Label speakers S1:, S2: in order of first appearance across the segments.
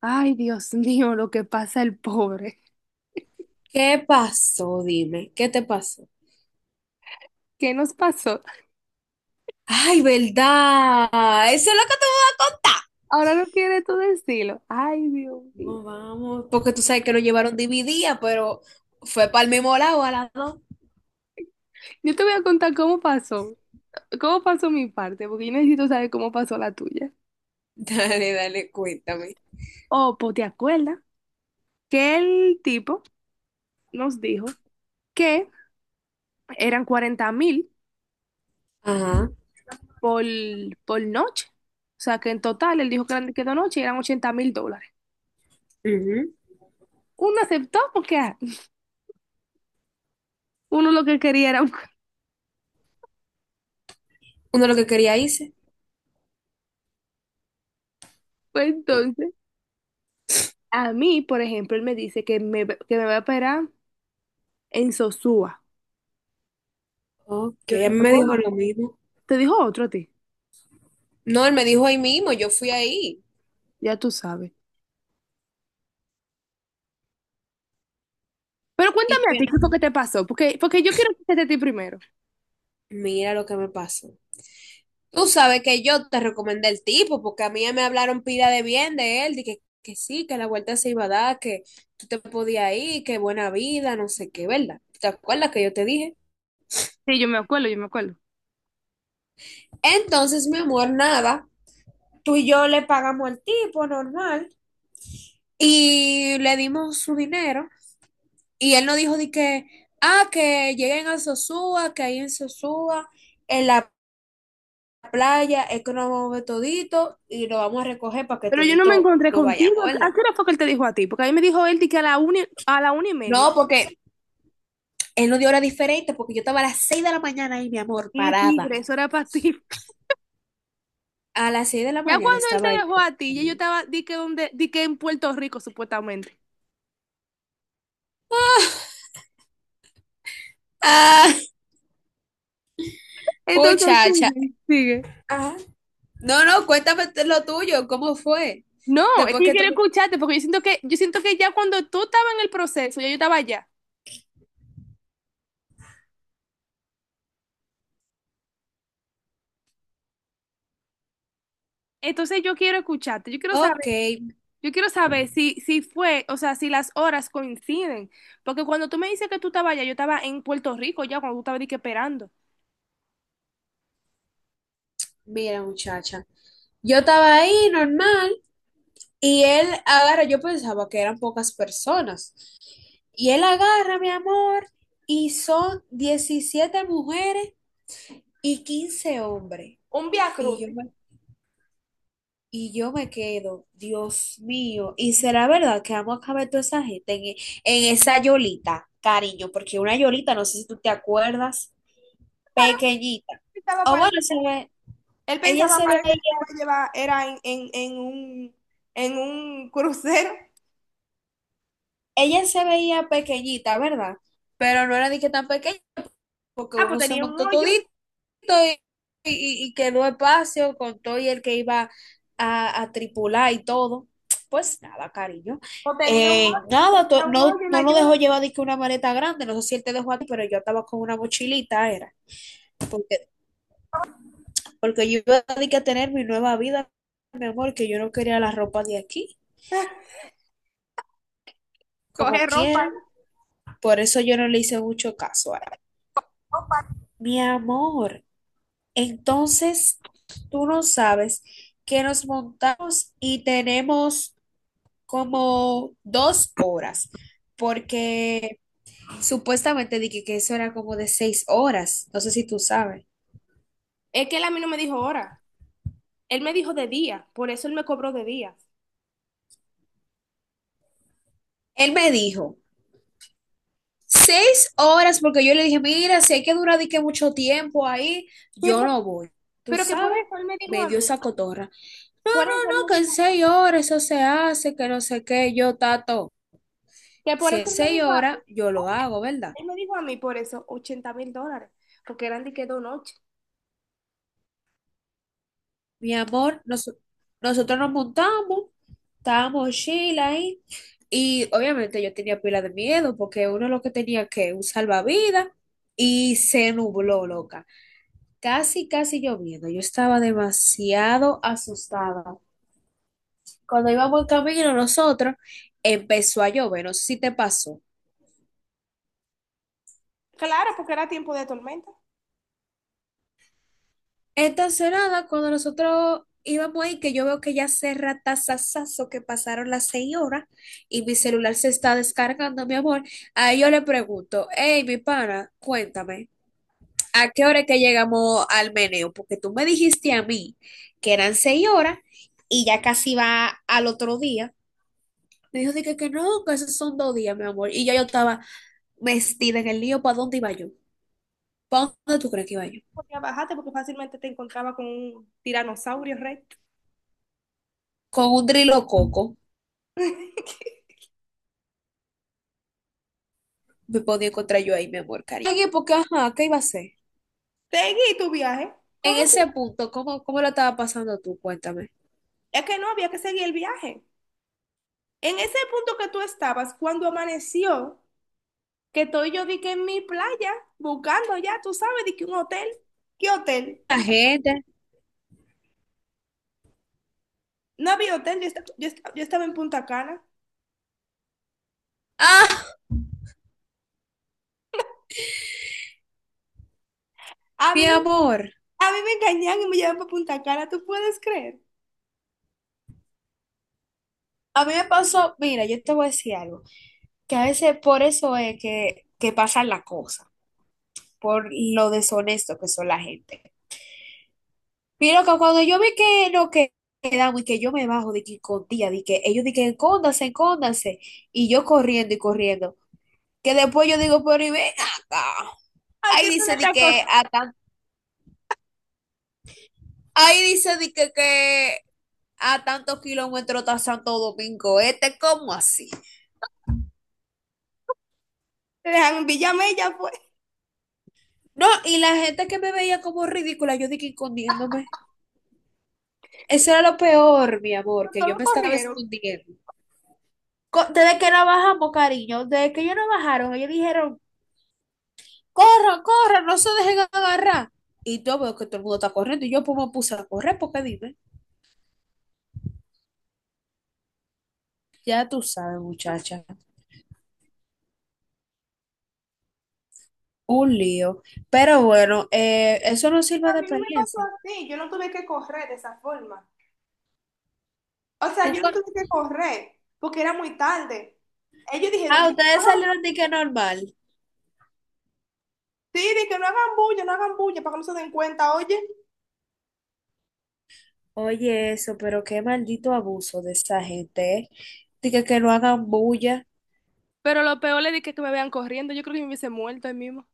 S1: Ay, Dios mío, lo que pasa el pobre.
S2: ¿Qué pasó? Dime, ¿qué te pasó?
S1: ¿Qué nos pasó?
S2: Ay, ¿verdad? Eso es lo que te voy a contar.
S1: Ahora no quiere tú decirlo. Ay, Dios mío.
S2: No, vamos, porque tú sabes que lo llevaron dividida, pero fue para el mismo lado a las dos.
S1: Yo te voy a contar cómo pasó mi parte, porque yo necesito saber cómo pasó la tuya.
S2: Dale, dale, cuéntame.
S1: Oh, pues te acuerdas que el tipo nos dijo que eran 40.000
S2: Ajá.
S1: por, por noche. O sea, que en total él dijo que eran, que de noche eran US$80.000.
S2: Ujú.
S1: Uno aceptó porque, ah, uno lo que quería era un...
S2: Uno lo que quería hice.
S1: Pues entonces, a mí, por ejemplo, él me dice que me va a esperar en Sosúa.
S2: Ok,
S1: Yo
S2: él
S1: dije,
S2: me
S1: bueno,
S2: dijo lo mismo.
S1: te dijo otro a ti,
S2: No, él me dijo ahí mismo, yo fui ahí.
S1: ya tú sabes. Pero
S2: ¿Y
S1: cuéntame a ti
S2: qué?
S1: qué fue que te pasó, porque yo quiero escucharte a ti primero.
S2: Mira lo que me pasó. Tú sabes que yo te recomendé el tipo, porque a mí me hablaron pila de bien de él, de que sí, que la vuelta se iba a dar, que tú te podías ir, que buena vida, no sé qué, ¿verdad? ¿Te acuerdas que yo te dije?
S1: Sí, yo me acuerdo, yo me acuerdo.
S2: Entonces, mi amor, nada, tú y yo le pagamos al tipo normal y le dimos su dinero y él nos dijo de que, ah, que lleguen a Sosúa, que ahí en Sosúa, en la playa, es que nos vamos a ver todito y lo vamos a recoger para que
S1: Pero yo no me
S2: todito
S1: encontré
S2: nos
S1: contigo.
S2: vayamos,
S1: ¿A
S2: ¿verdad?
S1: qué hora fue que él te dijo a ti? Porque a mí me dijo él di que a la una y media.
S2: No, porque en una hora diferente, porque yo estaba a las 6 de la mañana ahí, mi amor,
S1: Y
S2: parada.
S1: tigre, eso era para ti.
S2: A las seis de la
S1: Ya
S2: mañana
S1: cuando él te
S2: estaba ahí.
S1: dejó a ti, ya yo estaba, di que, donde, di que en Puerto Rico, supuestamente.
S2: Ah,
S1: Entonces,
S2: muchacha.
S1: sigue, sigue.
S2: Ah, no, no, cuéntame lo tuyo, ¿cómo fue?
S1: No, es
S2: Después
S1: que yo
S2: que tú...
S1: quiero escucharte, porque yo siento que ya cuando tú estabas en el proceso, ya yo estaba allá. Entonces yo quiero escucharte, yo quiero
S2: Ok,
S1: saber. Yo quiero saber si fue, o sea, si las horas coinciden. Porque cuando tú me dices que tú estabas allá, yo estaba en Puerto Rico ya, cuando tú estabas dije, esperando.
S2: mira, muchacha. Yo estaba ahí normal y él agarra, yo pensaba que eran pocas personas. Y él agarra, mi amor, y son 17 mujeres y 15 hombres.
S1: Un Via
S2: Y yo
S1: Crucis.
S2: Y yo me quedo, Dios mío, y será verdad que vamos a caber toda esa gente en, en esa yolita, cariño, porque una yolita, no sé si tú te acuerdas, pequeñita.
S1: Pensaba,
S2: O
S1: parece
S2: bueno, se
S1: que-
S2: ve-
S1: Él
S2: Ella
S1: pensaba,
S2: se veía,
S1: parece que me iba a llevar, era en un crucero.
S2: ella se veía pequeñita, ¿verdad? Pero no era ni que tan pequeña, porque
S1: Ah, pues
S2: uno se
S1: tenía un
S2: montó
S1: hoyo,
S2: todito. y, y quedó espacio con todo y el que iba a, tripular y todo. Pues nada, cariño.
S1: o
S2: Nada,
S1: tenía un
S2: no,
S1: hoyo en
S2: no
S1: la
S2: nos
S1: yola.
S2: dejó llevar de que una maleta grande, no sé si él te dejó a ti, pero yo estaba con una mochilita, era, porque, porque yo iba a de que a tener mi nueva vida, mi amor, que yo no quería la ropa de aquí, como
S1: Coge ropa.
S2: quieran, por eso yo no le hice mucho caso a él. Mi amor, entonces tú no sabes que nos montamos y tenemos como 2 horas, porque supuestamente dije que eso era como de 6 horas, no sé si tú sabes.
S1: Es que él a mí no me dijo hora, él me dijo de día, por eso él me cobró de día.
S2: Él me dijo, 6 horas, porque yo le dije, mira, si hay que durar de que mucho tiempo ahí,
S1: Sí,
S2: yo no voy. ¿Tú
S1: pero que por
S2: sabes?
S1: eso él me dijo
S2: Me
S1: a
S2: dio
S1: mí,
S2: esa cotorra. No,
S1: por eso él
S2: no, no,
S1: me
S2: que en
S1: dijo,
S2: 6 horas eso se hace, que no sé qué, yo tato.
S1: que por
S2: Si
S1: eso
S2: es
S1: él me
S2: seis
S1: dijo a mí,
S2: horas, yo lo
S1: oye,
S2: hago, ¿verdad?
S1: él me dijo a mí por eso US$80.000, porque eran de que 2 noches.
S2: Mi amor, nosotros nos montamos, estábamos Sheila ahí, y obviamente yo tenía pila de miedo porque uno lo que tenía que un salvavidas y se nubló, loca. Casi, casi lloviendo. Yo estaba demasiado asustada. Cuando íbamos en camino nosotros, empezó a llover, no sé si te pasó.
S1: Claro, porque era tiempo de tormenta.
S2: Estacionada, cuando nosotros íbamos ahí, que yo veo que ya se ratazazazo que pasaron las 6 horas y mi celular se está descargando, mi amor. Ahí yo le pregunto, hey, mi pana, cuéntame, ¿a qué hora es que llegamos al meneo? Porque tú me dijiste a mí que eran 6 horas y ya casi va al otro día. Me dijo, dije que no, que esos son 2 días, mi amor. Y yo estaba vestida en el lío, ¿para dónde iba yo? ¿Para dónde tú crees que iba yo?
S1: Podía bajarte porque fácilmente te encontraba con un tiranosaurio recto.
S2: Con un drilo coco. Me podía encontrar yo ahí, mi amor, cariño. En época, ajá, ¿qué iba a hacer?
S1: Seguí tu viaje.
S2: En
S1: ¿Cómo?
S2: ese punto, ¿cómo la estaba pasando tú? Cuéntame.
S1: Es que no había que seguir el viaje. En ese punto que tú estabas, cuando amaneció, que estoy yo di que en mi playa, buscando ya, tú sabes, di que un hotel. ¿Qué hotel?
S2: La gente.
S1: No había hotel, yo estaba en Punta Cana.
S2: Ah,
S1: A
S2: mi
S1: mí me
S2: amor.
S1: A mí me engañan y me llevan para Punta Cana, ¿tú puedes creer?
S2: A mí me pasó, mira, yo te voy a decir algo, que a veces por eso es que pasan las cosas, por lo deshonesto que son la gente. Mira que cuando yo vi que no que- quedamos y que yo me bajo de que con tía, de que ellos de que escóndanse, escóndanse, y yo corriendo y corriendo, que después yo digo, pero y ven acá.
S1: Aquí
S2: Ahí
S1: es
S2: dice
S1: una
S2: de
S1: otra
S2: que
S1: cosa.
S2: acá Ahí dice di que a tantos kilómetros está Santo Domingo Este, ¿cómo así?
S1: Te dejan en Villamella, ya fue.
S2: No, y la gente que me veía como ridícula, yo dije escondiéndome. Eso era lo peor, mi amor, que yo
S1: Todos
S2: me estaba
S1: corrieron.
S2: escondiendo. Desde que no bajamos, cariño, desde que ellos no bajaron, ellos dijeron, corran, corran, no se dejen agarrar. Y yo veo que todo el mundo está corriendo y yo pues me puse a correr, porque dime, ya tú sabes, muchacha, un lío. Pero bueno, eso no sirve
S1: A
S2: de
S1: mí no me pasó
S2: experiencia.
S1: así, yo no tuve que correr de esa forma. O sea,
S2: ¿Tú,
S1: yo no
S2: cu-
S1: tuve que correr porque era muy tarde. Ellos dijeron,
S2: Ah,
S1: dice, "No
S2: ustedes
S1: hagan
S2: salieron de que normal.
S1: sí, de que no hagan bulla, no hagan bulla, para que no se den cuenta, oye.
S2: Oye, eso, pero qué maldito abuso de esa gente, ¿eh? De que no hagan bulla.
S1: Pero lo peor es de que me vean corriendo. Yo creo que me hubiese muerto ahí mismo.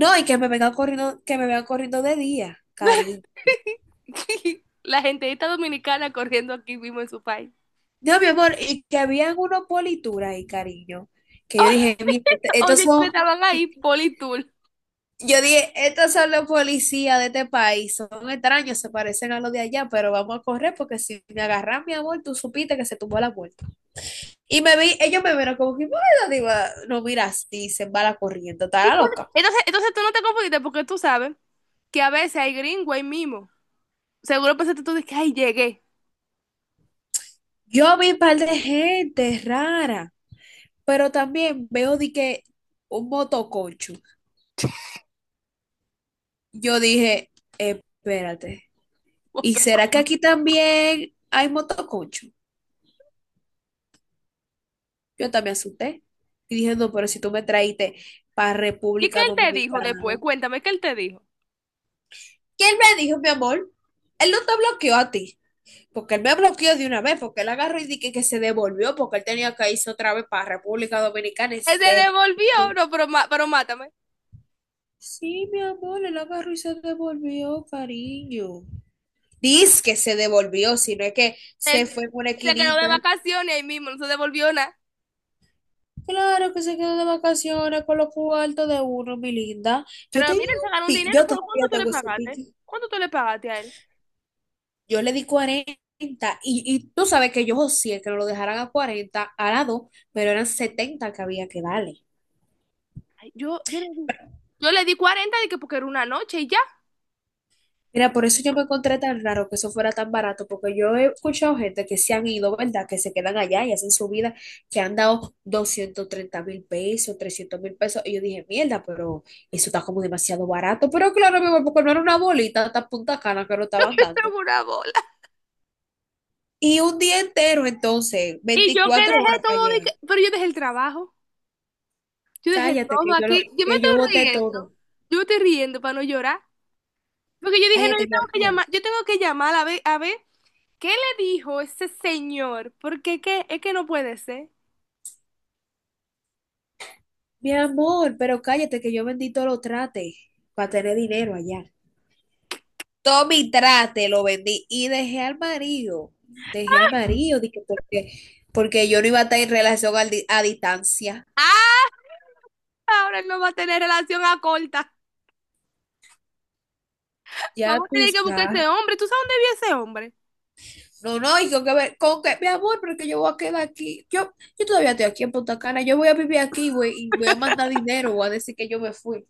S2: No, y que me vengan corriendo, que me vengan corriendo de día, cariño.
S1: La gente dominicana corriendo aquí mismo en su país.
S2: No, mi amor, y que habían unos polituras ahí, cariño. Que yo dije, mira, estos
S1: Oye, que
S2: son,
S1: estaban ahí, Politool.
S2: yo dije, estos son los policías de este país, son extraños, se parecen a los de allá, pero vamos a correr porque si me agarran, mi amor, tú supiste que se tumbó la puerta. Y me vi, ellos me vieron como que, bueno, digo, no mira así, se va la corriente,
S1: Sí.
S2: está la loca.
S1: Entonces tú no te confundiste porque tú sabes que a veces hay gringo ahí mismo. Seguro pensaste tú de que, ay, llegué.
S2: Yo vi un par de gente rara, pero también veo de que un motoconcho. Yo dije, espérate,
S1: What
S2: ¿y
S1: the
S2: será
S1: fuck.
S2: que aquí también hay motoconcho? Yo también asusté y dije, no, pero si tú me traíste para
S1: ¿Y qué
S2: República
S1: él te dijo
S2: Dominicana,
S1: después?
S2: ¿no?
S1: Cuéntame, ¿qué él te dijo?
S2: ¿Quién me dijo, mi amor? Él no te bloqueó a ti. Porque él me bloqueó de una vez, porque él agarró y dije que se devolvió, porque él tenía que irse otra vez para República Dominicana y
S1: Él se
S2: se-
S1: devolvió, no, pero mátame.
S2: Sí, mi amor, él agarró y se devolvió, cariño. Dice que se devolvió, sino es que
S1: Él
S2: se fue por una
S1: se quedó de
S2: esquinita.
S1: vacaciones ahí mismo, no se devolvió nada.
S2: Claro que se quedó de vacaciones con los cuartos de uno, mi linda. Yo
S1: Pero
S2: tenía
S1: miren, se
S2: un
S1: ganó un
S2: pique,
S1: dinero,
S2: yo
S1: pero ¿cuánto
S2: todavía
S1: tú le
S2: tengo ese
S1: pagaste?
S2: pique.
S1: ¿Cuánto tú le pagaste a él?
S2: Yo le di cuarenta, y tú sabes que yo sí que no lo dejaran a 40 a la 2, pero eran 70 que había que darle.
S1: Ay, yo le di 40 de que porque era una noche y ya.
S2: Mira, por eso yo me encontré tan raro que eso fuera tan barato, porque yo he escuchado gente que se han ido, ¿verdad? Que se quedan allá y hacen su vida, que han dado 230,000 pesos, 300,000 pesos. Y yo dije, mierda, pero eso está como demasiado barato. Pero claro, mi amor, porque no era una bolita tan punta cana que lo estaban dando.
S1: Segura bola.
S2: Y un día entero, entonces,
S1: Y yo que
S2: 24
S1: dejé
S2: horas para
S1: todo,
S2: llegar.
S1: pero yo dejé el trabajo, yo dejé
S2: Cállate,
S1: todo
S2: que yo lo,
S1: aquí. Yo me
S2: que
S1: estoy
S2: yo boté todo.
S1: riendo, yo me estoy riendo para no llorar. Porque yo dije, no, yo
S2: Cállate, mi
S1: tengo que
S2: amor.
S1: llamar, yo tengo que llamar a ver, ¿qué le dijo ese señor? Porque qué es que no puede ser.
S2: Mi amor, pero cállate, que yo vendí todo lo trate para tener dinero allá. Todo mi trate lo vendí y dejé al marido, dije, porque, porque yo no iba a estar en relación a distancia.
S1: Ah, ahora él no va a tener relación a corta.
S2: Ya
S1: Vamos a
S2: tú
S1: tener que buscar ese
S2: sabes.
S1: hombre. ¿Tú sabes dónde vive ese hombre?
S2: No, no, y con que ver, con que, mi amor, pero es que yo voy a quedar aquí. Yo todavía estoy aquí en Punta Cana, yo voy a vivir aquí, güey, y voy a mandar dinero, voy a decir que yo me fui.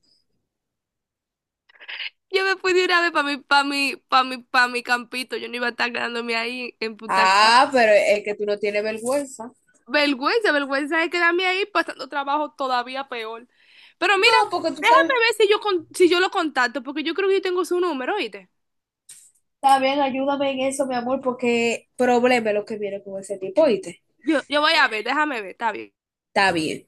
S1: Yo me fui de una vez para mi campito. Yo no iba a estar quedándome ahí en Punta
S2: Ah,
S1: Cana.
S2: pero es que tú no tienes vergüenza.
S1: Vergüenza, vergüenza de quedarme ahí pasando trabajo todavía peor. Pero mira,
S2: No, porque tú sabes,
S1: déjame ver si yo lo contacto, porque yo creo que yo tengo su número, ¿oíste?
S2: está bien, ayúdame en eso, mi amor, porque problema es lo que viene con ese tipo, ¿oíste?
S1: Yo voy a ver, déjame ver, está bien.
S2: Está bien.